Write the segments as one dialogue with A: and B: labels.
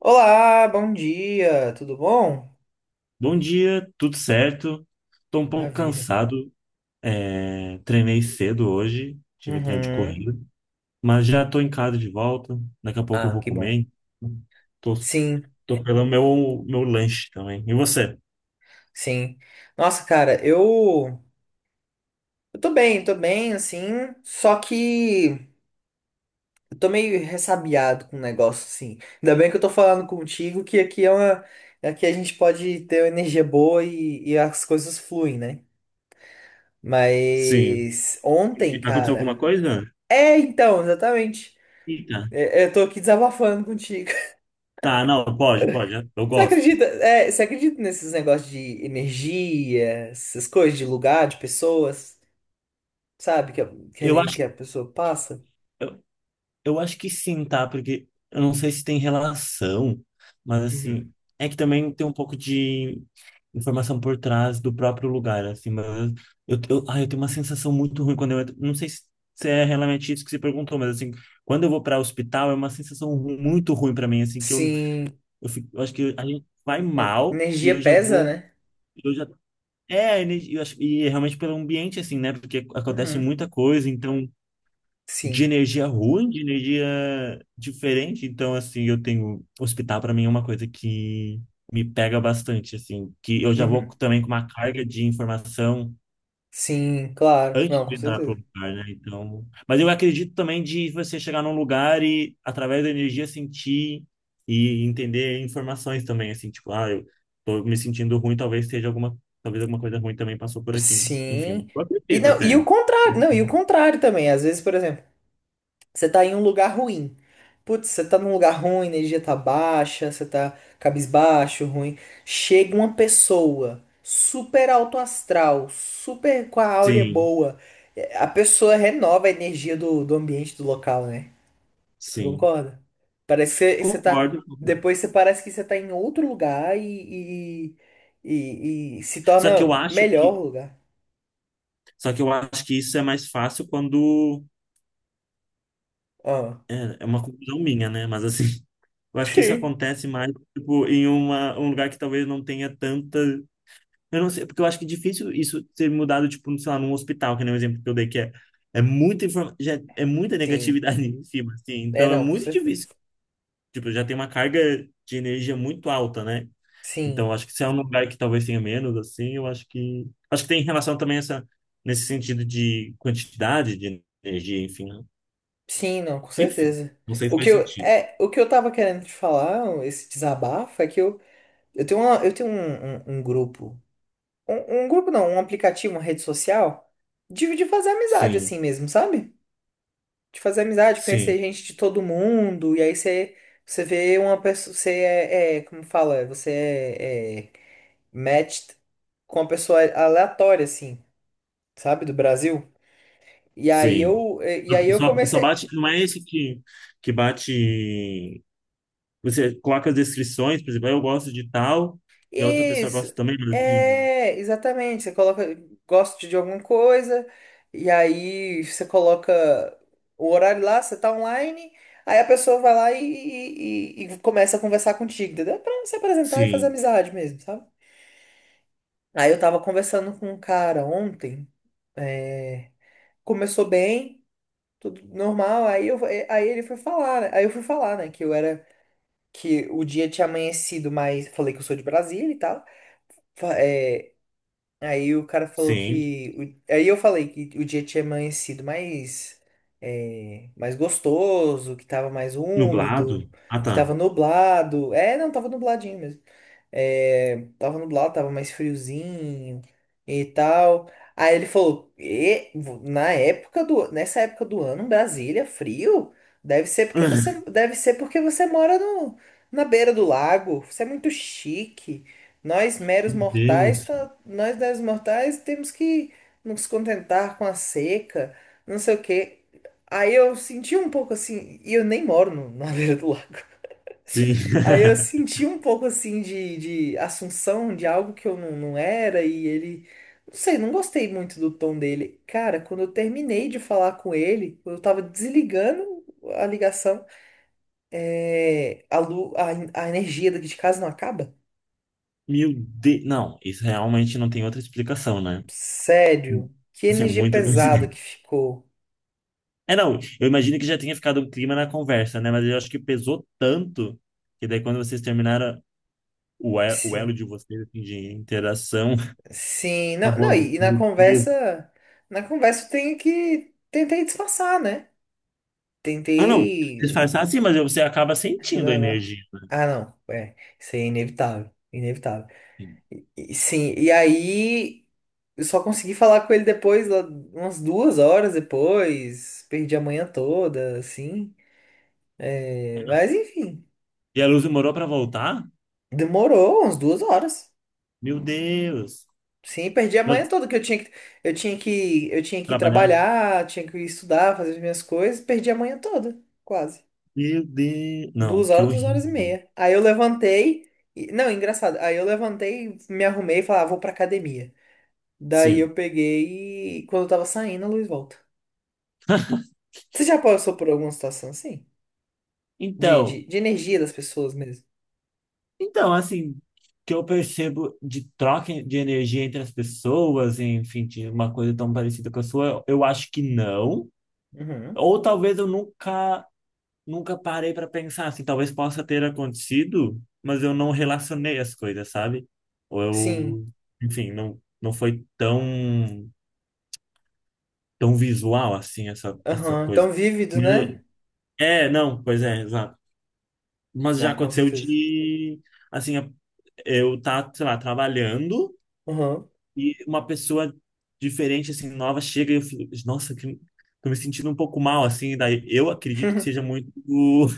A: Olá, bom dia, tudo bom?
B: Bom dia, tudo certo? Estou um pouco
A: Maravilha.
B: cansado. Treinei cedo hoje, tive treino de
A: Uhum.
B: corrida, mas já estou em casa de volta. Daqui a pouco eu
A: Ah,
B: vou
A: que bom.
B: comer. Então tô,
A: Sim,
B: tô pelo meu lanche também. E você?
A: sim. Nossa, cara, eu tô bem, assim, só que eu tô meio ressabiado com o negócio, assim. Ainda bem que eu tô falando contigo que aqui a gente pode ter uma energia boa e as coisas fluem, né?
B: Sim.
A: Mas ontem,
B: Aconteceu alguma
A: cara.
B: coisa?
A: É, então, exatamente.
B: Eita.
A: Eu tô aqui desabafando contigo.
B: Tá, não, pode. Eu gosto.
A: Você acredita nesses negócios de energia, essas coisas de lugar, de pessoas, sabe? Que a, que a,
B: Eu
A: ener- que
B: acho
A: a pessoa passa?
B: Eu acho que sim, tá? Porque eu não sei se tem relação, mas
A: Uhum.
B: assim, é que também tem um pouco de informação por trás do próprio lugar, assim, mas eu tenho uma sensação muito ruim quando eu entro. Não sei se é realmente isso que você perguntou, mas assim, quando eu vou para hospital é uma sensação muito ruim para mim, assim, que
A: Sim,
B: fico, eu acho que a gente vai mal e eu
A: energia
B: já
A: pesa,
B: vou,
A: né?
B: eu já. É, eu acho, e é realmente pelo ambiente, assim, né? Porque acontece
A: Uhum.
B: muita coisa, então de
A: Sim.
B: energia ruim, de energia diferente. Então, assim, eu tenho. Hospital, para mim, é uma coisa que me pega bastante, assim, que eu já vou
A: Uhum.
B: também com uma carga de informação
A: Sim, claro.
B: antes
A: Não, com
B: de entrar pro
A: certeza.
B: lugar, né? Então. Mas eu acredito também de você chegar num lugar e, através da energia, sentir e entender informações também, assim, tipo, ah, eu tô me sentindo ruim, talvez seja alguma. Talvez alguma coisa ruim também passou por aqui.
A: Sim.
B: Enfim, eu
A: E,
B: acredito
A: não, e o
B: até.
A: contrário, não, e o contrário também. Às vezes, por exemplo. Você tá em um lugar ruim. Putz, você tá num lugar ruim, a energia tá baixa, você tá cabisbaixo, ruim. Chega uma pessoa super alto astral, super com a áurea
B: Sim,
A: boa. É, a pessoa renova a energia do, do ambiente, do local, né? Você
B: sim.
A: concorda? Parece que você tá.
B: Concordo.
A: Depois você parece que você tá em outro lugar e se
B: Só que eu
A: torna
B: acho
A: melhor o
B: que,
A: lugar.
B: só que eu acho que isso é mais fácil quando
A: Ah.
B: é uma conclusão minha, né? Mas assim, eu acho que isso
A: Sim.
B: acontece mais tipo em uma um lugar que talvez não tenha tanta, eu não sei, porque eu acho que é difícil isso ser mudado tipo, sei lá, num hospital, que nem o exemplo que eu dei que é é muita informa... Já é muita
A: Sim.
B: negatividade em cima, assim.
A: É,
B: Então é
A: não, com
B: muito
A: certeza.
B: difícil. Tipo, já tem uma carga de energia muito alta, né? Então,
A: Sim.
B: acho que se é um lugar que talvez tenha menos, assim, eu acho que. Acho que tem relação também essa, nesse sentido de quantidade de energia, enfim, né?
A: Sim, não, com
B: Enfim,
A: certeza.
B: não sei se faz sentido.
A: O que eu tava querendo te falar, esse desabafo, é que eu tenho um grupo. Um grupo não, um aplicativo, uma rede social, de fazer amizade
B: Sim,
A: assim mesmo, sabe? De fazer amizade, conhecer
B: sim,
A: gente de todo mundo, e aí você vê uma pessoa, você é, é, como fala, é, você é, é matched com uma pessoa aleatória, assim, sabe, do Brasil. E aí
B: sim.
A: eu, e aí eu
B: Só
A: comecei.
B: bate, não é esse que bate. Você coloca as descrições, por exemplo, "Ah, eu gosto de tal, e a outra pessoa
A: Isso,
B: gosta também", mas assim.
A: é, exatamente. Você coloca, gosta de alguma coisa, e aí você coloca o horário lá, você tá online, aí a pessoa vai lá e começa a conversar contigo, entendeu? Pra se apresentar e fazer
B: Sim,
A: amizade mesmo, sabe? Aí eu tava conversando com um cara ontem, é, começou bem, tudo normal, aí ele foi falar, né? Aí eu fui falar, né, que o dia tinha amanhecido, mas falei que eu sou de Brasília e tal. Aí o cara falou
B: sim.
A: que. Aí eu falei que o dia tinha amanhecido mais. Mais gostoso, que tava mais
B: Nublado?
A: úmido,
B: Ah,
A: que
B: tá.
A: tava nublado. É, não, tava nubladinho mesmo. É, tava nublado, tava mais friozinho e tal. Aí ele falou, na época nessa época do ano, Brasília, frio, deve ser porque você, deve ser porque você mora no, na beira do lago. Você é muito chique. Nós meros
B: Meu
A: mortais,
B: Deus.
A: tá- nós meros mortais temos que nos contentar com a seca, não sei o quê. Aí eu senti um pouco assim, e eu nem moro na beira do lago.
B: Sim.
A: Aí eu senti um pouco assim de assunção de algo que eu não, não era, e ele. Não sei, não gostei muito do tom dele. Cara, quando eu terminei de falar com ele, eu tava desligando a ligação, é, a, lu, a, a energia daqui de casa não acaba?
B: Meu Deus. Não, isso realmente não tem outra explicação, né?
A: Sério? Que
B: Assim,
A: energia
B: muita
A: pesada que
B: coincidência.
A: ficou.
B: É, não, eu imagino que já tenha ficado um clima na conversa, né? Mas eu acho que pesou tanto que daí quando vocês terminaram o elo
A: Sim,
B: de vocês, assim, de interação,
A: sim. Não,
B: acabou a
A: não,
B: luz.
A: e na
B: Meu Deus.
A: conversa. Na conversa eu tenho que. Tentei disfarçar, né?
B: Ah, não, vocês falam
A: Tentei.
B: assim, mas você acaba sentindo a
A: Relevar.
B: energia,
A: Ah, não. É, isso aí é inevitável. Inevitável.
B: assim.
A: Sim, e aí eu só consegui falar com ele depois, lá umas 2 horas depois. Perdi a manhã toda, assim.
B: É,
A: É,
B: não.
A: mas enfim,
B: E a luz demorou para voltar?
A: demorou umas 2 horas.
B: Meu Deus.
A: Sim, perdi a
B: Mas
A: manhã toda, que eu tinha que, eu tinha que, eu tinha que ir
B: trabalhar?
A: trabalhar, tinha que estudar, fazer as minhas coisas. Perdi a manhã toda, quase.
B: Meu Deus. Não,
A: Duas
B: que
A: horas, duas horas e
B: horrível.
A: meia. Aí eu levantei. Não, engraçado. Aí eu levantei, me arrumei e falei, ah, vou pra academia. Daí
B: Sim.
A: eu peguei e quando eu tava saindo, a luz volta. Você já passou por alguma situação assim? De,
B: Então.
A: de, de energia das pessoas mesmo?
B: Então, assim, que eu percebo de troca de energia entre as pessoas, enfim, de uma coisa tão parecida com a sua, eu acho que não.
A: Uhum.
B: Ou talvez eu nunca, nunca parei para pensar, assim, talvez possa ter acontecido, mas eu não relacionei as coisas, sabe? Ou
A: Sim.
B: eu, enfim, não, tão visual assim essa, essa
A: Aham.
B: coisa.
A: Tão vívido,
B: Mas,
A: né?
B: eu- é, não, pois é, exato. Mas
A: Né,
B: já
A: com
B: aconteceu
A: certeza.
B: de, assim, eu tá, sei lá, trabalhando,
A: Uhum.
B: e uma pessoa diferente, assim, nova, chega e eu fico, nossa, que, tô me sentindo um pouco mal, assim, daí eu acredito que seja muito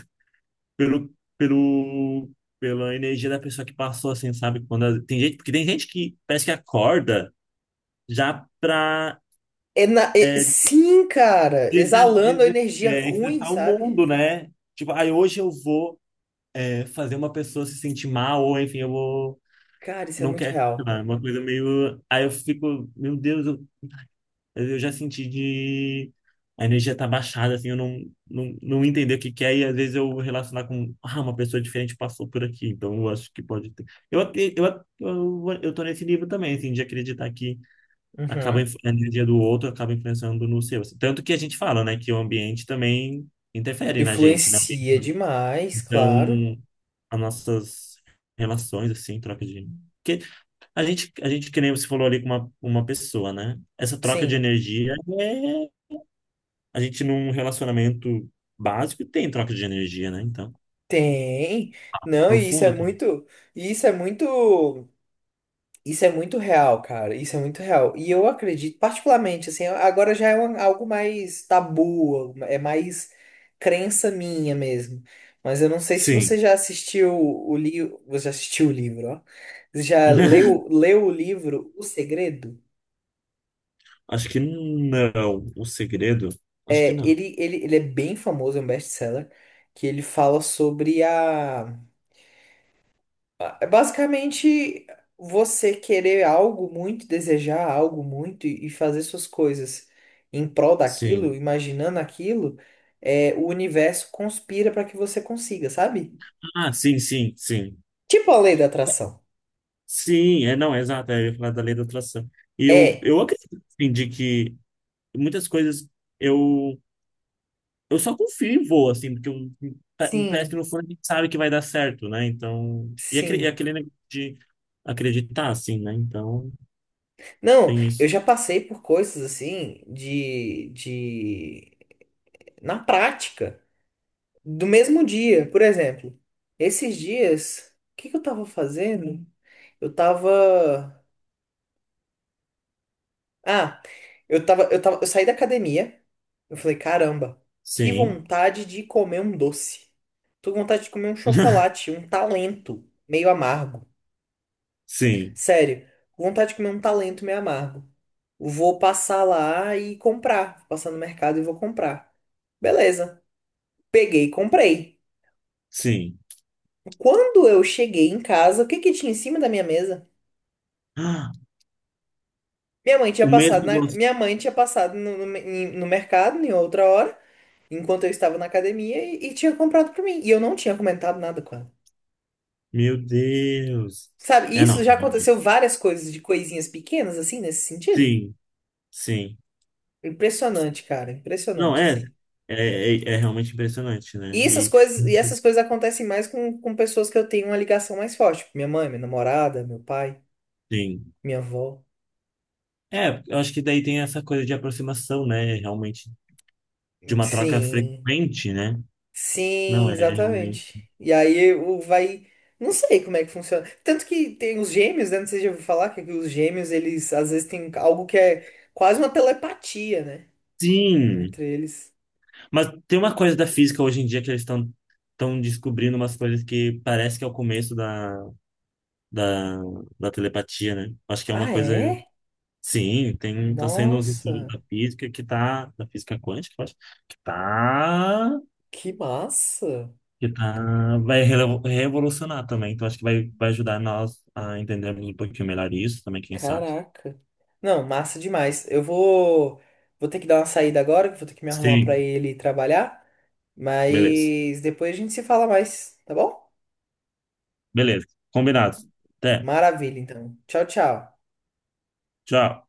B: pelo, pela energia da pessoa que passou, assim, sabe? Tem gente, porque tem gente que parece que acorda já pra é,
A: Sim, cara.
B: des-
A: Exalando a
B: des-
A: energia
B: é,
A: ruim,
B: estressar o
A: sabe?
B: mundo, né? Tipo, aí hoje eu vou é, fazer uma pessoa se sentir mal, ou enfim, eu vou.
A: Cara, isso é
B: Não
A: muito
B: quero, sei
A: real.
B: lá, é uma coisa meio. Aí eu fico, meu Deus, eu já senti de... A energia tá baixada, assim, eu não, não, não entender o que que é. E às vezes eu relacionar com... Ah, uma pessoa diferente passou por aqui. Então eu acho que pode ter... Eu, até- eu tô nesse livro também, assim, de acreditar que acaba
A: Uhum.
B: a energia do outro acaba influenciando no seu, assim. Tanto que a gente fala, né, que o ambiente também interfere na gente, né?
A: Influencia demais,
B: Então,
A: claro.
B: as nossas relações, assim, troca de... Porque que nem você falou ali com uma pessoa, né? Essa troca de
A: Sim.
B: energia é a gente num relacionamento básico tem troca de energia, né? Então,
A: Tem. Não, e isso é
B: profunda também.
A: muito. Isso é muito. Isso é muito real, cara. Isso é muito real. E eu acredito, particularmente, assim, agora já é algo mais tabu, é mais crença minha mesmo. Mas eu não sei se você
B: Sim.
A: já assistiu o livro. Você já assistiu o livro, ó. Você já leu, leu o livro O Segredo?
B: Acho que não. O segredo? Acho que
A: É,
B: não.
A: ele é bem famoso, é um best-seller, que ele fala sobre a. Ah, é basicamente você querer algo muito, desejar algo muito e fazer suas coisas em prol daquilo,
B: Sim.
A: imaginando aquilo, é, o universo conspira para que você consiga, sabe?
B: Ah, sim, sim, sim.
A: Tipo a lei da atração.
B: Sim, é, não, é exato. É, eu ia falar da lei da atração. E
A: É,
B: eu acredito, assim, de que muitas coisas eu, eu só confio e vou, assim, porque eu, me parece que
A: sim,
B: no fundo a gente sabe que vai dar certo, né? Então, e
A: sim.
B: aquele negócio de acreditar, assim, né? Então,
A: Não,
B: tem
A: eu
B: isso.
A: já passei por coisas assim de na prática, do mesmo dia, por exemplo. Esses dias, o que que eu tava fazendo? Eu tava. Ah, eu saí da academia. Eu falei, caramba, que
B: Sim.
A: vontade de comer um doce. Tô com vontade de comer um chocolate, um talento meio amargo.
B: Sim,
A: Sério, com vontade de comer um talento meio amargo. Vou passar lá e comprar. Vou passar no mercado e vou comprar. Beleza. Peguei e comprei.
B: sim.
A: Quando eu cheguei em casa, o que que tinha em cima da minha mesa?
B: Ah,
A: Minha mãe tinha
B: o mesmo
A: passado na,
B: gosto.
A: minha mãe tinha passado no, no, em- no mercado em outra hora, enquanto eu estava na academia e tinha comprado pra mim. E eu não tinha comentado nada com ela.
B: Meu Deus.
A: Sabe, e
B: É, não,
A: isso já
B: realmente.
A: aconteceu várias coisas de coisinhas pequenas, assim, nesse sentido.
B: Sim, sim.
A: Impressionante, cara,
B: Não,
A: impressionante, assim.
B: é realmente impressionante, né?
A: E essas
B: E,
A: coisas, e essas coisas acontecem mais com pessoas que eu tenho uma ligação mais forte, tipo minha mãe, minha namorada, meu pai,
B: sim.
A: minha avó.
B: É, eu acho que daí tem essa coisa de aproximação, né? Realmente, de uma troca
A: Sim,
B: frequente, né? Não,
A: sim,
B: é realmente.
A: exatamente. E aí o vai. Não sei como é que funciona. Tanto que tem os gêmeos, né? Não sei se já ouviu falar que os gêmeos, eles às vezes têm algo que é quase uma telepatia, né?
B: Sim,
A: Entre eles.
B: mas tem uma coisa da física hoje em dia que eles estão descobrindo umas coisas que parece que é o começo da, da telepatia, né? Acho que é
A: Ah,
B: uma coisa
A: é?
B: sim, tem, tá sendo uns estudos
A: Nossa,
B: da física que tá, da física quântica, eu acho, que tá,
A: que massa!
B: que tá, vai revolucionar também, então acho que vai ajudar nós a entendermos um pouquinho melhor isso também, quem sabe.
A: Caraca. Não, massa demais. Eu vou. Vou ter que dar uma saída agora, que eu vou ter que me arrumar pra
B: Sim,
A: ele trabalhar.
B: beleza.
A: Mas depois a gente se fala mais, tá bom?
B: Beleza, combinado. Até,
A: Maravilha, então. Tchau, tchau.
B: tchau.